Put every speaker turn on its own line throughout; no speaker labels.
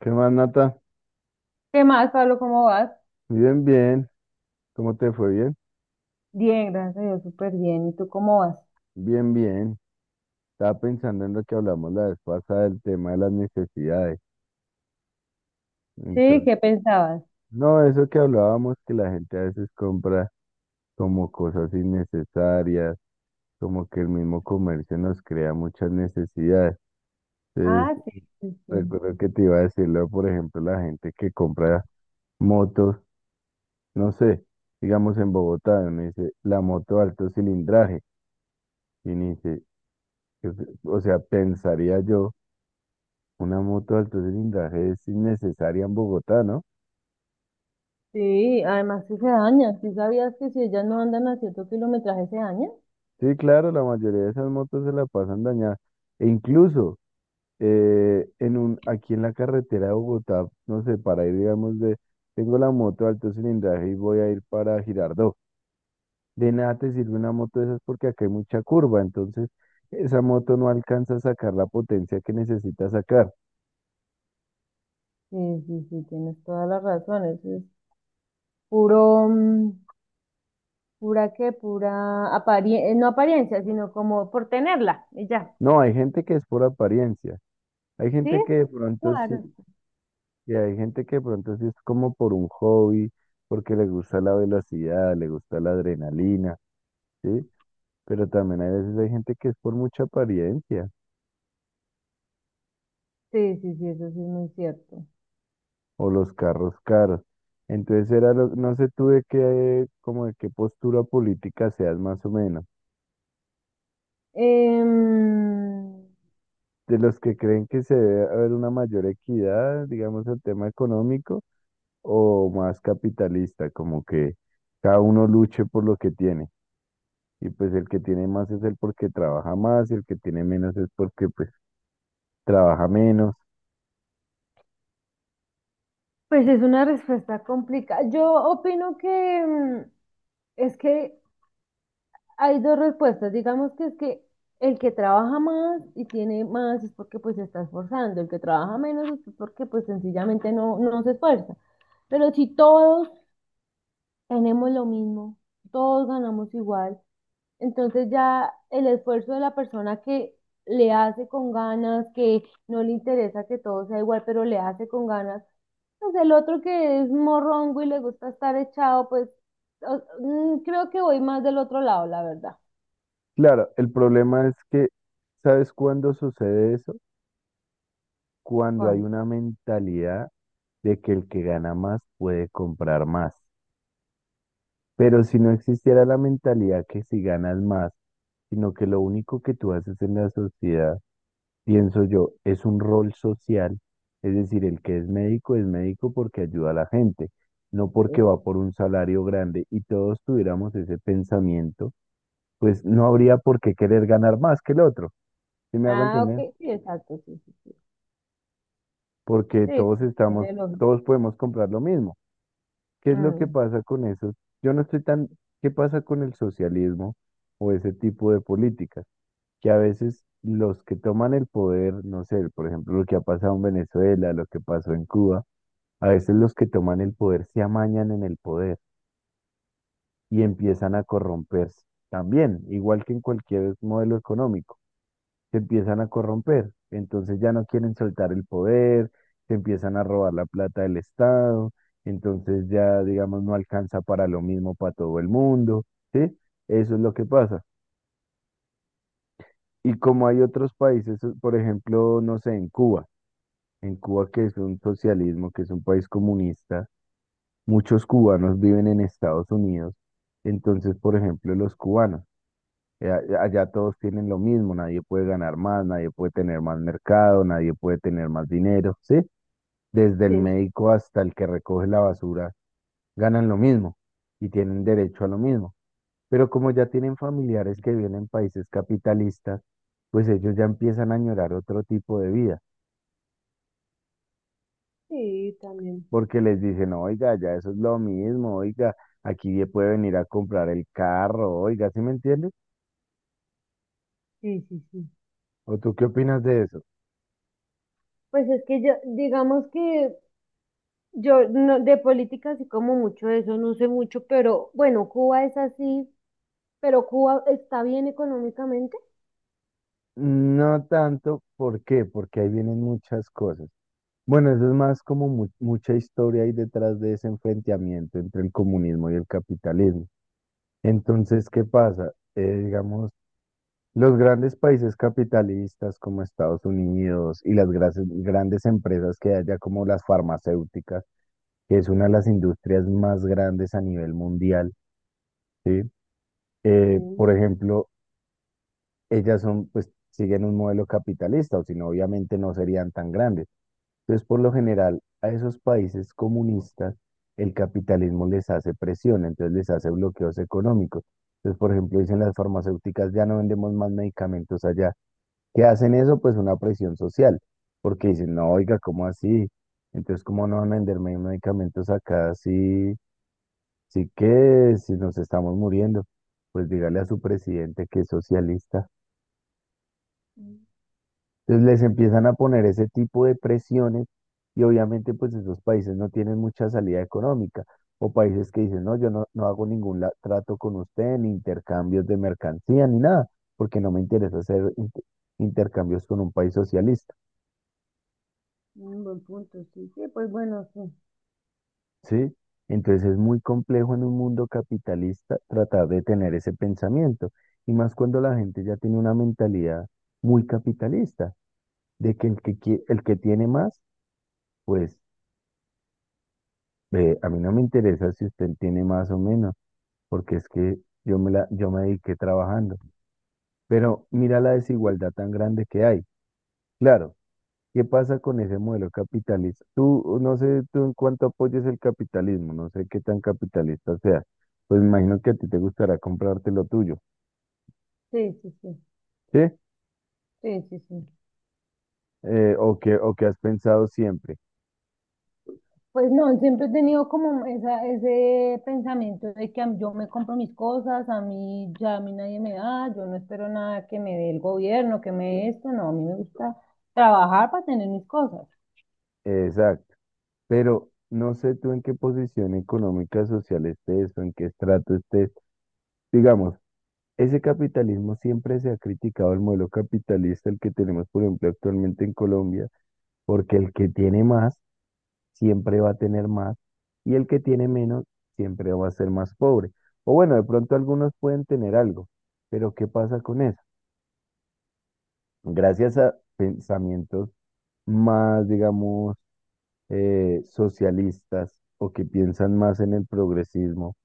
¿Qué más, Nata?
¿Qué más, Pablo? ¿Cómo vas?
Bien, bien. ¿Cómo te fue? Bien,
Bien, gracias a Dios, súper bien. ¿Y tú cómo vas?
bien, bien. Estaba pensando en lo que hablamos la vez pasada del tema de las necesidades.
Sí,
Entonces,
¿qué pensabas?
no, eso que hablábamos, que la gente a veces compra como cosas innecesarias, como que el mismo comercio nos crea muchas necesidades. Entonces,
Ah, sí, sí, sí.
recuerdo que te iba a decirlo, por ejemplo, la gente que compra motos, no sé, digamos en Bogotá, uno dice la moto alto cilindraje, y uno dice, o sea, pensaría yo. Una moto de alto cilindraje es innecesaria en Bogotá, ¿no?
Sí, además que se daña. ¿Sí sabías que si ellas no andan a cierto kilometraje se dañan?
Sí, claro, la mayoría de esas motos se la pasan dañadas. E incluso aquí en la carretera de Bogotá, no sé, para ir, digamos, de, tengo la moto de alto cilindraje y voy a ir para Girardot. De nada te sirve una moto de esas porque acá hay mucha curva, entonces esa moto no alcanza a sacar la potencia que necesita sacar.
Sí, sí, sí, tienes todas las razones. Es puro, pura qué, pura apariencia, no apariencia, sino como por tenerla y ya.
No, hay gente que es por apariencia. Hay
¿Sí?
gente que de pronto sí.
Claro.
Y hay gente que de pronto sí es como por un hobby, porque le gusta la velocidad, le gusta la adrenalina, ¿sí? Pero también hay veces hay gente que es por mucha apariencia
Sí, sí, sí, eso sí es muy cierto.
o los carros caros. Entonces era no sé tú de qué, como de qué postura política seas más o menos.
Em,
De los que creen que se debe haber una mayor equidad, digamos, el tema económico, o más capitalista, como que cada uno luche por lo que tiene. Y pues el que tiene más es el porque trabaja más y el que tiene menos es porque pues trabaja menos.
pues es una respuesta complicada. Yo opino que, es que hay dos respuestas. Digamos que es que el que trabaja más y tiene más es porque pues se está esforzando. El que trabaja menos es porque pues sencillamente no, no se esfuerza. Pero si todos tenemos lo mismo, todos ganamos igual, entonces ya el esfuerzo de la persona que le hace con ganas, que no le interesa que todo sea igual, pero le hace con ganas, pues el otro que es morrongo y le gusta estar echado, pues creo que voy más del otro lado, la verdad.
Claro, el problema es que, ¿sabes cuándo sucede eso? Cuando hay
¿Cuánto?
una mentalidad de que el que gana más puede comprar más. Pero si no existiera la mentalidad que si ganas más, sino que lo único que tú haces en la sociedad pienso yo, es un rol social, es decir, el que es médico porque ayuda a la gente, no porque
Esa.
va por un salario grande y todos tuviéramos ese pensamiento, pues no habría por qué querer ganar más que el otro, ¿sí me hago
Ah,
entender?
ok, sí, exacto, sí, sí,
Porque
sí,
todos
sí,
estamos,
tiene lógica.
todos podemos comprar lo mismo. ¿Qué es lo que
Mm,
pasa con eso? Yo no estoy tan, ¿qué pasa con el socialismo o ese tipo de políticas? Que a veces los que toman el poder, no sé, por ejemplo, lo que ha pasado en Venezuela, lo que pasó en Cuba. A veces los que toman el poder se amañan en el poder y empiezan a corromperse. También, igual que en cualquier modelo económico, se empiezan a corromper. Entonces ya no quieren soltar el poder, se empiezan a robar la plata del Estado, entonces ya, digamos, no alcanza para lo mismo para todo el mundo, ¿sí? Eso es lo que pasa. Y como hay otros países, por ejemplo, no sé, en Cuba que es un socialismo, que es un país comunista, muchos cubanos viven en Estados Unidos. Entonces, por ejemplo, los cubanos, allá todos tienen lo mismo, nadie puede ganar más, nadie puede tener más mercado, nadie puede tener más dinero, ¿sí? Desde el
sí,
médico hasta el que recoge la basura, ganan lo mismo y tienen derecho a lo mismo. Pero como ya tienen familiares que viven en países capitalistas, pues ellos ya empiezan a añorar otro tipo de vida,
sí, también,
porque les dicen, oiga, ya eso es lo mismo, oiga, aquí puede venir a comprar el carro, oiga, ¿sí me entiendes?
sí, sí, sí.
¿O tú qué opinas de eso?
Pues es que yo, digamos que yo no, de política sí como mucho de eso, no sé mucho, pero bueno, Cuba es así, pero Cuba está bien económicamente.
No tanto, ¿por qué? Porque ahí vienen muchas cosas. Bueno, eso es más como mucha historia ahí detrás de ese enfrentamiento entre el comunismo y el capitalismo. Entonces, ¿qué pasa? Digamos, los grandes países capitalistas como Estados Unidos y las grandes empresas que hay allá como las farmacéuticas, que es una de las industrias más grandes a nivel mundial, ¿sí?
Sí,
Por ejemplo, ellas son, pues, siguen un modelo capitalista, o si no, obviamente no serían tan grandes. Entonces, por lo general, a esos países comunistas, el capitalismo les hace presión, entonces les hace bloqueos económicos. Entonces, por ejemplo, dicen las farmacéuticas, ya no vendemos más medicamentos allá. ¿Qué hacen eso? Pues una presión social, porque dicen, no, oiga, ¿cómo así? Entonces, ¿cómo no van a venderme medicamentos acá si? Así que si nos estamos muriendo, pues dígale a su presidente que es socialista.
mm,
Entonces les empiezan a poner ese tipo de presiones y obviamente pues esos países no tienen mucha salida económica o países que dicen, no, yo no, no hago ningún trato con usted, ni intercambios de mercancía, ni nada, porque no me interesa hacer intercambios con un país socialista.
un buen punto, sí, sí, pues bueno, sí,
¿Sí? Entonces es muy complejo en un mundo capitalista tratar de tener ese pensamiento, y más cuando la gente ya tiene una mentalidad muy capitalista, de que el que, el que tiene más, pues a mí no me interesa si usted tiene más o menos, porque es que yo me dediqué trabajando. Pero mira la desigualdad tan grande que hay. Claro. ¿Qué pasa con ese modelo capitalista? Tú, no sé, tú en cuánto apoyes el capitalismo, no sé qué tan capitalista sea. Pues me imagino que a ti te gustará comprarte lo tuyo,
sí, sí, sí,
¿sí?
sí, sí, sí.
O que has pensado siempre.
Pues no, siempre he tenido como esa, ese pensamiento de que yo me compro mis cosas, a mí ya a mí nadie me da, yo no espero nada que me dé el gobierno, que me dé esto, no, a mí me gusta trabajar para tener mis cosas.
Exacto. Pero no sé tú en qué posición económica, social estés o en qué estrato estés. Digamos, ese capitalismo siempre se ha criticado el modelo capitalista, el que tenemos, por ejemplo, actualmente en Colombia, porque el que tiene más siempre va a tener más y el que tiene menos siempre va a ser más pobre. O bueno, de pronto algunos pueden tener algo, pero ¿qué pasa con eso? Gracias a pensamientos más, digamos, socialistas o que piensan más en el progresismo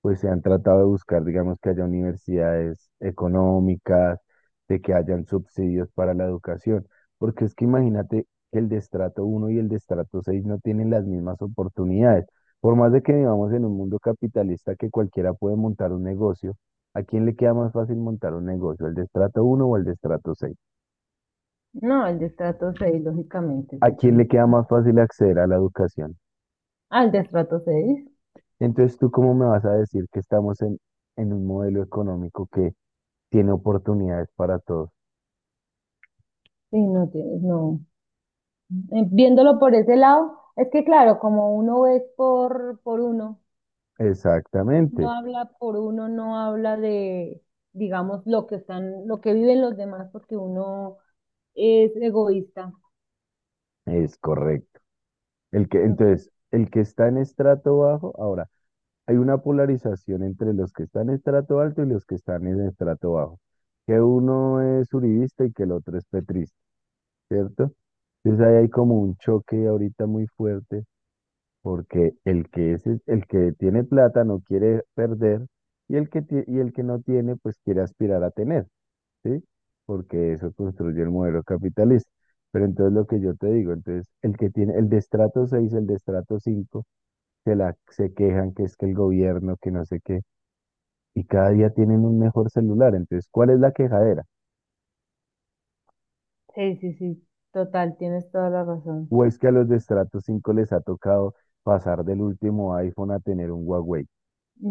pues se han tratado de buscar, digamos, que haya universidades económicas, de que hayan subsidios para la educación, porque es que imagínate que el de estrato uno y el de estrato 6 no tienen las mismas oportunidades. Por más de que vivamos en un mundo capitalista que cualquiera puede montar un negocio, ¿a quién le queda más fácil montar un negocio, el de estrato uno o el de estrato seis?
No, el destrato seis lógicamente,
¿A
sí
quién le
tienes.
queda más fácil acceder a la educación?
Ah, el destrato 6
Entonces, ¿tú cómo me vas a decir que estamos en un modelo económico que tiene oportunidades para todos?
sí, no tienes, no. Viéndolo por ese lado, es que claro, como uno es por uno, uno
Exactamente,
habla por uno, no habla de, digamos, lo que están, lo que viven los demás, porque uno es egoísta.
es correcto. El que,
Entonces,
entonces, el que está en estrato bajo, ahora, hay una polarización entre los que están en estrato alto y los que están en estrato bajo, que uno es uribista y que el otro es petrista, ¿cierto? Entonces ahí hay como un choque ahorita muy fuerte, porque el que es el que tiene plata no quiere perder y y el que no tiene pues quiere aspirar a tener. ¿Sí? Porque eso construye el modelo capitalista. Pero entonces lo que yo te digo, entonces el que tiene el de estrato 6, el de estrato 5 se quejan que es que el gobierno, que no sé qué, y cada día tienen un mejor celular. Entonces, ¿cuál es la quejadera?
sí, sí, sí, total, tienes toda la razón.
¿O es que a los de estrato 5 les ha tocado pasar del último iPhone a tener un Huawei?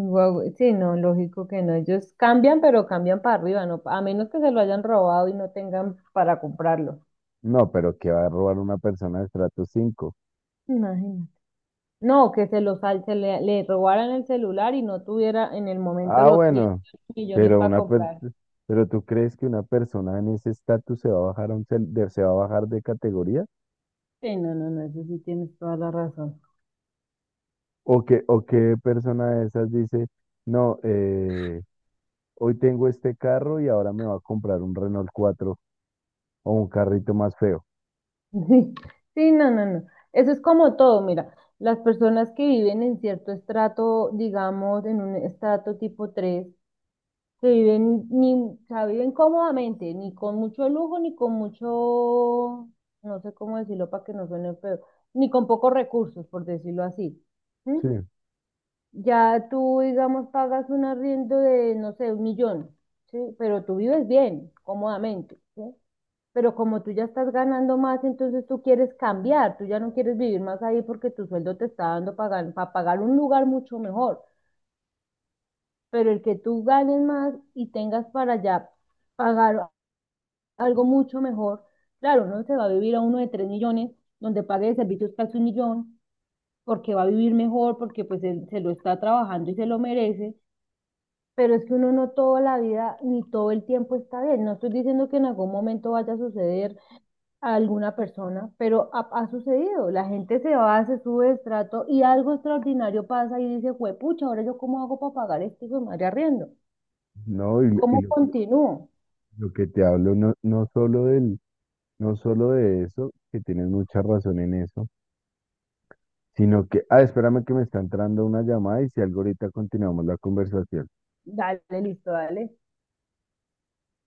Guau, sí, no, lógico que no. Ellos cambian, pero cambian para arriba, ¿no? A menos que se lo hayan robado y no tengan para comprarlo.
¿No, pero que va a robar una persona de estrato 5?
Imagínate. No, que se le robaran el celular y no tuviera en el momento
Ah,
los cien
bueno,
millones
pero
para
una per-
comprar.
pero ¿tú crees que una persona en ese estatus se va a bajar a se va a bajar de categoría?
Sí, no, no, no, eso sí tienes toda la razón.
¿O qué persona de esas dice, no, hoy tengo este carro y ahora me va a comprar un Renault 4 o un carrito más feo?
Sí, sí, no, no, no. Eso es como todo, mira, las personas que viven en cierto estrato, digamos, en un estrato tipo 3, que viven, ni, o sea, viven cómodamente, ni con mucho lujo, ni con mucho, no sé cómo decirlo para que no suene feo, ni con pocos recursos, por decirlo así.
Sí,
¿Sí? Ya tú, digamos, pagas un arriendo de, no sé, 1.000.000, ¿sí? Pero tú vives bien, cómodamente, ¿sí? Pero como tú ya estás ganando más, entonces tú quieres cambiar, tú ya no quieres vivir más ahí porque tu sueldo te está dando para, pagar un lugar mucho mejor. Pero el que tú ganes más y tengas para allá pagar algo mucho mejor, claro, no se va a vivir a uno de 3.000.000, donde pague de servicios casi 1.000.000, porque va a vivir mejor, porque pues él se lo está trabajando y se lo merece. Pero es que uno no toda la vida ni todo el tiempo está bien. No estoy diciendo que en algún momento vaya a suceder a alguna persona, pero ha sucedido. La gente se va, se sube de estrato y algo extraordinario pasa y dice, pucha, ahora yo cómo hago para pagar este hijo de madre arriendo.
no, y, lo, y
¿Cómo
lo-
continúo?
lo que te hablo no, no solo de eso, que tienes mucha razón en eso, sino que, espérame que me está entrando una llamada y si algo ahorita continuamos la conversación.
Dale, listo, dale.